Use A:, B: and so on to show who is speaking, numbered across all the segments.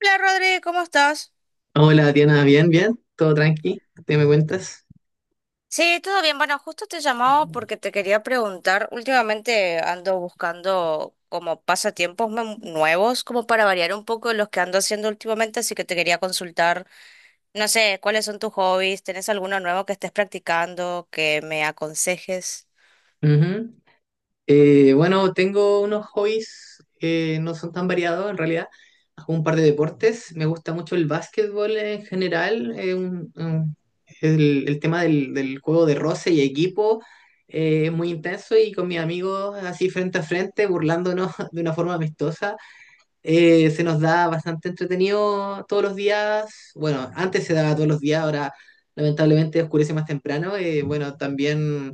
A: Hola Rodri, ¿cómo estás?
B: Hola Diana, bien, bien, todo tranqui, ¿te me cuentas?
A: Sí, todo bien. Bueno, justo te llamaba porque te quería preguntar. Últimamente ando buscando como pasatiempos nuevos, como para variar un poco los que ando haciendo últimamente, así que te quería consultar. No sé, ¿cuáles son tus hobbies? ¿Tenés alguno nuevo que estés practicando que me aconsejes?
B: Ujú. Bueno, tengo unos hobbies que no son tan variados en realidad. Hago un par de deportes, me gusta mucho el básquetbol en general, el tema del juego de roce y equipo es muy intenso y con mis amigos así frente a frente, burlándonos de una forma amistosa. Se nos da bastante entretenido todos los días. Bueno, antes se daba todos los días, ahora lamentablemente oscurece más temprano. Bueno, también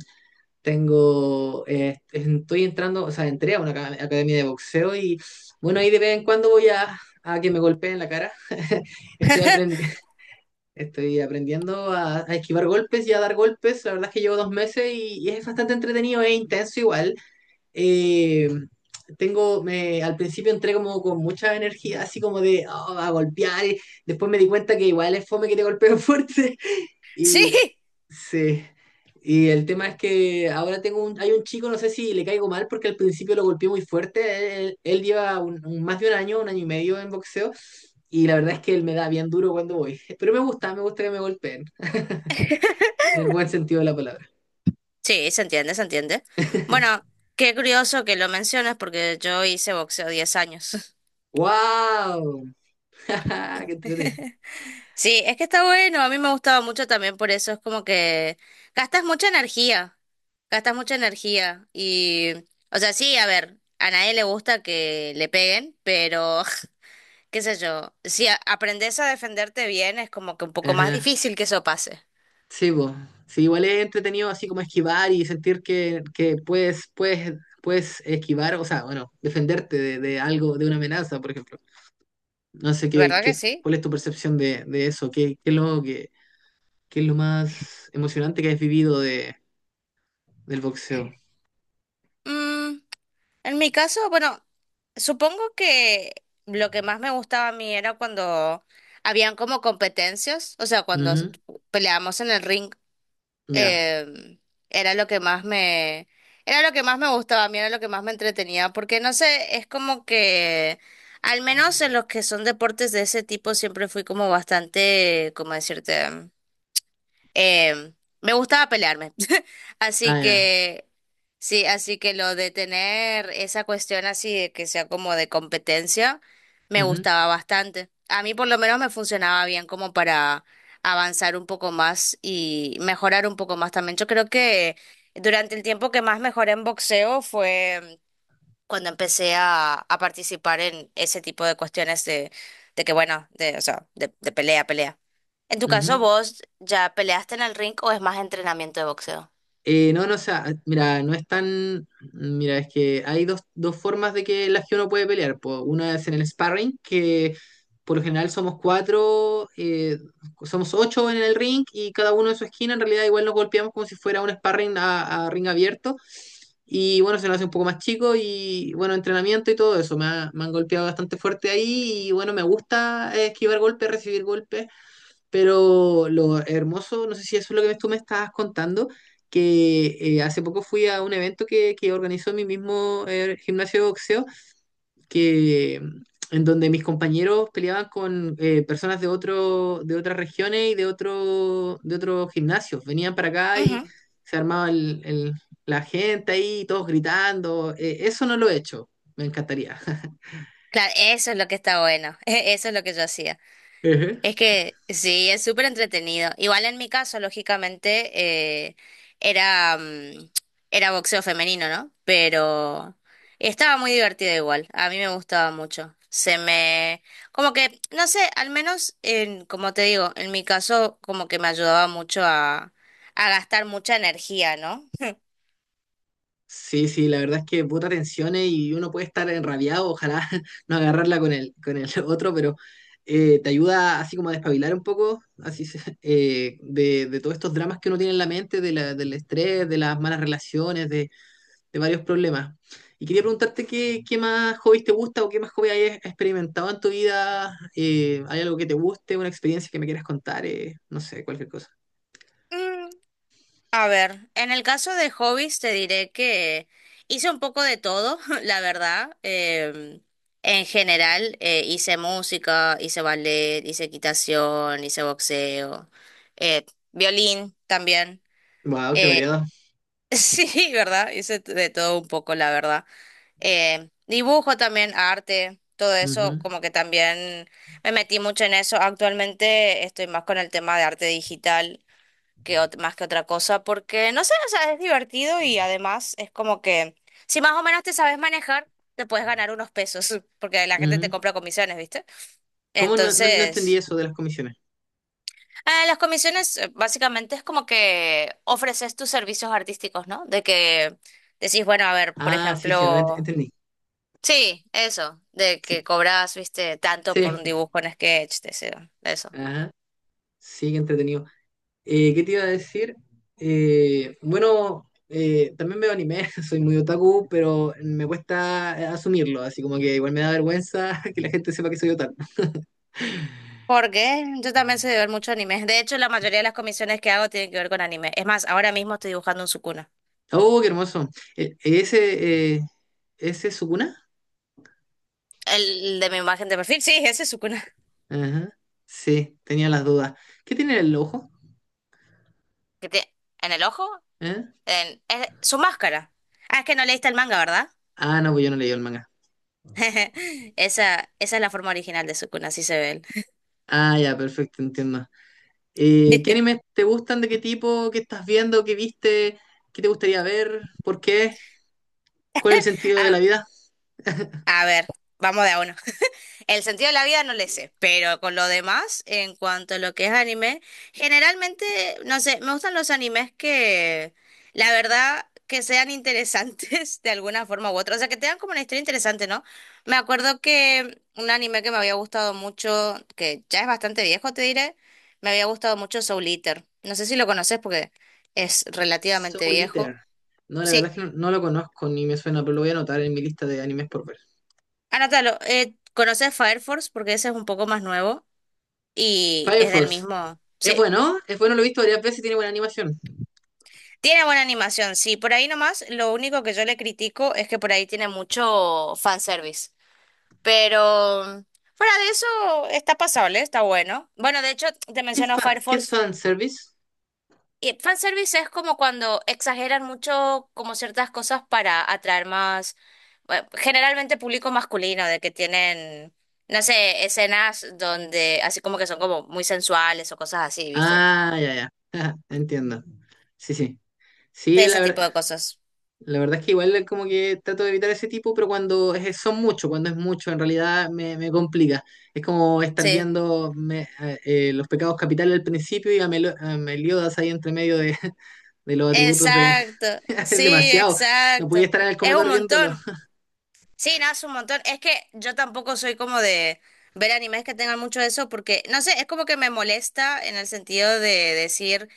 B: estoy entrando, o sea, entré a una academia de boxeo y bueno, ahí de vez en cuando voy a que me golpeen la cara. Estoy aprendiendo. Estoy aprendiendo a esquivar golpes y a dar golpes. La verdad es que llevo dos meses y es bastante entretenido e intenso igual. eh, Al principio entré como con mucha energía, así como de "Oh, a golpear", y después me di cuenta que igual es fome que te golpeo fuerte.
A: Sí,
B: Y sí. Y el tema es que hay un chico, no sé si le caigo mal, porque al principio lo golpeé muy fuerte. Él lleva más de un año y medio en boxeo, y la verdad es que él me da bien duro cuando voy. Pero me gusta que me golpeen, en el buen sentido de la palabra.
A: sí, se entiende, se entiende. Bueno, qué curioso que lo mencionas porque yo hice boxeo 10 años.
B: ¡Wow! ¡Qué entrete!
A: Sí, es que está bueno, a mí me gustaba mucho también por eso, es como que gastas mucha energía, gastas mucha energía y, o sea, sí, a ver, a nadie le gusta que le peguen, pero qué sé yo, si aprendes a defenderte bien es como que un poco más
B: Ajá.
A: difícil que eso pase,
B: Sí, po. Sí, igual es entretenido así como esquivar y sentir que, puedes esquivar, o sea, bueno, defenderte de algo, de una amenaza, por ejemplo. No sé qué,
A: ¿verdad que
B: qué,
A: sí?
B: ¿Cuál es tu percepción de eso? ¿Qué es lo más emocionante que has vivido del boxeo?
A: Mm, en mi caso, bueno, supongo que lo que más me gustaba a mí era cuando habían como competencias, o sea,
B: Ujú.
A: peleábamos en el ring
B: Ya.
A: em, era lo que más me gustaba, a mí era lo que más me entretenía, porque no sé, es como que, al menos en los que son deportes de ese tipo, siempre fui como bastante, como decirte? em, me gustaba pelearme.
B: Ah,
A: Así
B: ya.
A: que, sí, así que lo de tener esa cuestión así de que sea como de competencia, me
B: Ujú,
A: gustaba bastante. A mí por lo menos me funcionaba bien como para avanzar un poco más y mejorar un poco más también. Yo creo que durante el tiempo que más mejoré en boxeo fue cuando empecé a participar en ese tipo de cuestiones de que, bueno, de, o sea, de pelea, pelea. En tu caso,
B: ujú.
A: ¿vos ya peleaste en el ring o es más entrenamiento de boxeo?
B: No, o sea, mira, no es tan. Mira, es que hay dos formas de que la que uno puede pelear, po. Una es en el sparring, que por lo general somos cuatro, somos ocho en el ring y cada uno en su esquina. En realidad, igual nos golpeamos como si fuera un sparring a ring abierto. Y bueno, se nos hace un poco más chico y bueno, entrenamiento y todo eso. Me han golpeado bastante fuerte ahí y bueno, me gusta esquivar golpes, recibir golpes. Pero lo hermoso, no sé si eso es lo que tú me estabas contando, que hace poco fui a un evento que organizó mi mismo gimnasio de boxeo, que, en donde mis compañeros peleaban con personas de, de otras regiones y de, de otros gimnasios. Venían para acá y se armaba la gente ahí, todos gritando. Eso no lo he hecho, me encantaría.
A: Claro, eso es lo que está bueno, eso es lo que yo hacía.
B: Ujú.
A: Es que sí, es súper entretenido. Igual en mi caso, lógicamente, eh, era, mm, era boxeo femenino, ¿no? Pero estaba muy divertido igual, a mí me gustaba mucho. Como que, no sé, al menos, en, como te digo, en mi caso, como que me ayudaba mucho a gastar mucha energía, ¿no?
B: Sí, sí, la verdad es que puta tensiones y uno puede estar enrabiado, ojalá no agarrarla con con el otro, pero te ayuda así como a despabilar un poco, así de todos estos dramas que uno tiene en la mente, de del estrés, de las malas relaciones, de varios problemas. Y quería preguntarte qué más hobbies te gusta o qué más hobbies hayas experimentado en tu vida, ¿hay algo que te guste, una experiencia que me quieras contar? No sé, cualquier cosa.
A: A ver, en el caso de hobbies te diré que hice un poco de todo, la verdad. En general, hice música, hice ballet, hice equitación, hice boxeo, eh, violín también.
B: Wow, qué
A: Eh,
B: variado.
A: sí, ¿verdad? Hice de todo un poco, la verdad. Dibujo también, arte, todo eso,
B: Ujú,
A: como que también me metí mucho en eso. Actualmente estoy más con el tema de arte digital que más que otra cosa, porque no sé, o sea, es divertido y además es como que si más o menos te sabes manejar, te puedes ganar unos pesos, porque la gente te
B: ujú.
A: compra comisiones, ¿viste?
B: ¿Cómo no entendí
A: Entonces,
B: eso de las comisiones?
A: las comisiones básicamente es como que ofreces tus servicios artísticos, ¿no? De que decís, bueno, a ver, por
B: Ah, sí, sí, ahora
A: ejemplo,
B: entendí.
A: sí, eso, de
B: Sí,
A: que cobras, viste, tanto por
B: sí,
A: un dibujo en sketch, te eso.
B: ajá, sí, qué entretenido. ¿Qué te iba a decir? Bueno, también veo anime, soy muy otaku, pero me cuesta asumirlo, así como que igual me da vergüenza que la gente sepa que soy otaku.
A: Porque yo también sé de ver mucho anime. De hecho, la mayoría de las comisiones que hago tienen que ver con anime. Es más, ahora mismo estoy dibujando un Sukuna.
B: Oh, qué hermoso. Eh, ese, eh, ¿Ese es Sukuna?
A: El de mi imagen de perfil, sí, ese es Sukuna.
B: Ajá, sí, tenía las dudas. ¿Qué tiene en el ojo?
A: ¿Qué tiene? ¿En el ojo?
B: ¿Eh?
A: Es su máscara. Ah, es que no leíste el manga, ¿verdad?
B: Ah, no, pues yo no leí el manga.
A: Esa es la forma original de Sukuna, así se ve
B: Ah, ya, perfecto, entiendo. ¿Qué
A: él.
B: animes te gustan? ¿De qué tipo? ¿Qué estás viendo? ¿Qué viste? ¿Qué te gustaría ver? ¿Por qué? ¿Cuál es el sentido de
A: A,
B: la vida?
A: a ver, vamos de a uno. El sentido de la vida no le sé, pero con lo demás, en cuanto a lo que es anime, generalmente, no sé, me gustan los animes que, la verdad, que sean interesantes de alguna forma u otra, o sea, que tengan como una historia interesante, ¿no? Me acuerdo que un anime que me había gustado mucho, que ya es bastante viejo, te diré, me había gustado mucho Soul Eater. No sé si lo conoces porque es relativamente
B: Soul
A: viejo.
B: Eater. No, la verdad
A: Sí,
B: es que no, no lo conozco ni me suena, pero lo voy a anotar en mi lista de animes por ver.
A: anótalo. ¿Conoces Fire Force? Porque ese es un poco más nuevo y
B: Fire
A: es del
B: Force.
A: mismo. Sí.
B: Es bueno, lo he visto varias veces y tiene buena animación.
A: Tiene buena animación, sí. Por ahí nomás, lo único que yo le critico es que por ahí tiene mucho fanservice. Pero fuera de eso, está pasable, está bueno. Bueno, de hecho, te menciono Fire
B: ¿Qué es
A: Force.
B: fanservice?
A: Y fanservice es como cuando exageran mucho como ciertas cosas para atraer más, bueno, generalmente público masculino, de que tienen, no sé, escenas donde así como que son como muy sensuales o cosas así, ¿viste?
B: Ah, ya, ya. Entiendo. Sí, sí. Sí, la
A: Ese
B: verdad.
A: tipo de cosas.
B: La verdad es que igual como que trato de evitar ese tipo, pero son muchos, cuando es mucho, en realidad me complica. Es como estar
A: Sí.
B: viendo los pecados capitales al principio y a Meliodas ahí entre medio de, de los atributos de...
A: Exacto,
B: Es
A: sí,
B: demasiado. No podía
A: exacto.
B: estar en el
A: Es un
B: comedor viéndolo.
A: montón. Sí, no, es un montón. Es que yo tampoco soy como de ver animes que tengan mucho de eso, porque, no sé, es como que me molesta en el sentido de decir,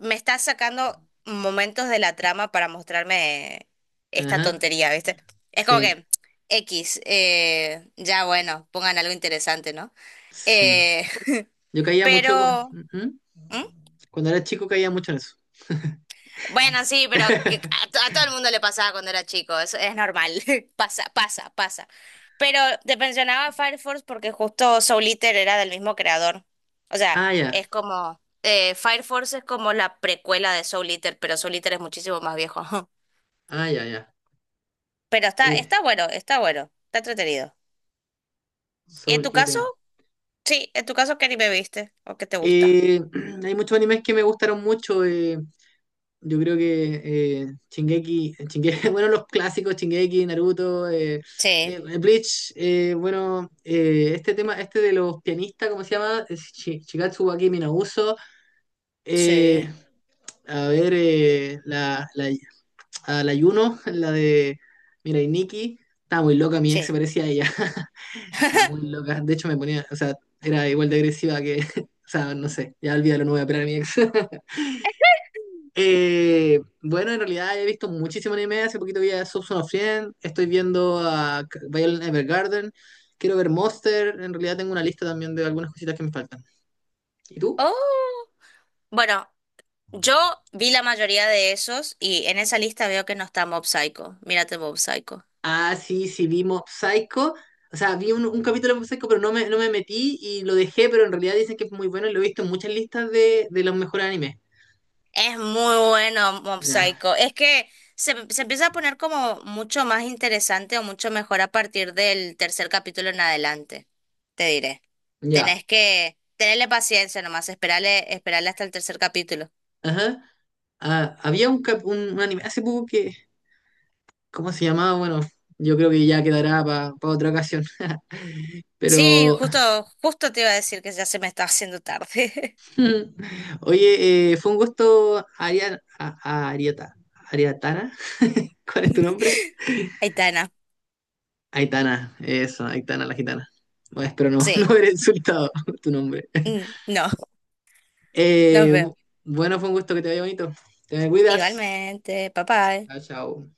A: me estás sacando momentos de la trama para mostrarme esta
B: Ajá,
A: tontería, ¿viste? Es como
B: sí,
A: que, X, ya bueno, pongan algo interesante, ¿no?
B: sí.
A: Eh,
B: Yo caía mucho cu-
A: pero...
B: ujú.
A: ¿Mm?
B: Cuando era chico caía mucho en eso.
A: Bueno, sí, pero que a, to- a todo el mundo le pasaba cuando era chico, eso es normal, pasa, pasa, pasa. Pero te mencionaba Fire Force porque justo Soul Eater era del mismo creador. O sea,
B: Ah, ya,
A: es como, Fire Force es como la precuela de Soul Eater, pero Soul Eater es muchísimo más viejo.
B: ah, ya, ya.
A: Pero está,
B: Eh,
A: está bueno, está bueno, está entretenido. ¿Y en
B: Soul
A: tu caso?
B: Eater.
A: Sí, en tu caso, ¿qué anime viste o qué te gusta?
B: Eh, hay muchos animes que me gustaron mucho. Yo creo que Shingeki, Shinge- bueno, los clásicos, Shingeki, Naruto,
A: Sí,
B: Bleach, este tema, este de los pianistas, ¿cómo se llama? Es Shigatsu wa Kimi no Uso, eh,
A: sí,
B: a ver, eh, la, la, a la Yuno, la de Mirai Nikki, estaba muy loca, mi ex se
A: sí.
B: parecía a ella, estaba muy loca, de hecho me ponía, o sea, era igual de agresiva que, o sea, no sé, ya olvídalo, no voy a operar a mi ex. Bueno, en realidad he visto muchísimo anime. Hace poquito vi a Subson of Friend. Estoy viendo a Violet Evergarden. Quiero ver Monster. En realidad tengo una lista también de algunas cositas que me faltan. ¿Y tú?
A: Oh, bueno, yo vi la mayoría de esos y en esa lista veo que no está Mob Psycho. Mírate Mob Psycho.
B: Ah, sí, sí, vi Mob Psycho. O sea, vi un capítulo de Mob Psycho, pero no me metí y lo dejé. Pero en realidad dicen que es muy bueno y lo he visto en muchas listas de los mejores animes.
A: Es muy bueno Mob
B: Ya,
A: Psycho. Es que se empieza a poner como mucho más interesante o mucho mejor a partir del tercer capítulo en adelante. Te diré.
B: ya.
A: Tenés que tenerle paciencia nomás, esperarle, esperarle hasta el tercer capítulo.
B: Ajá. Ah, había un, cap- un anime hace poco que. ¿Cómo se llamaba? Bueno, yo creo que ya quedará para otra ocasión.
A: Sí,
B: Pero,
A: justo, justo te iba a decir que ya se me está haciendo tarde.
B: oye, fue un gusto, Ariatana. ¿Cuál es tu nombre?
A: Aitana.
B: Aitana, eso, Aitana la gitana. Bueno, espero no, no
A: Sí.
B: haber insultado tu nombre.
A: Mm, no, nos
B: Eh,
A: vemos.
B: bu- bueno, fue un gusto que te vaya bonito. Te me cuidas.
A: Igualmente, papá.
B: Chao, chao.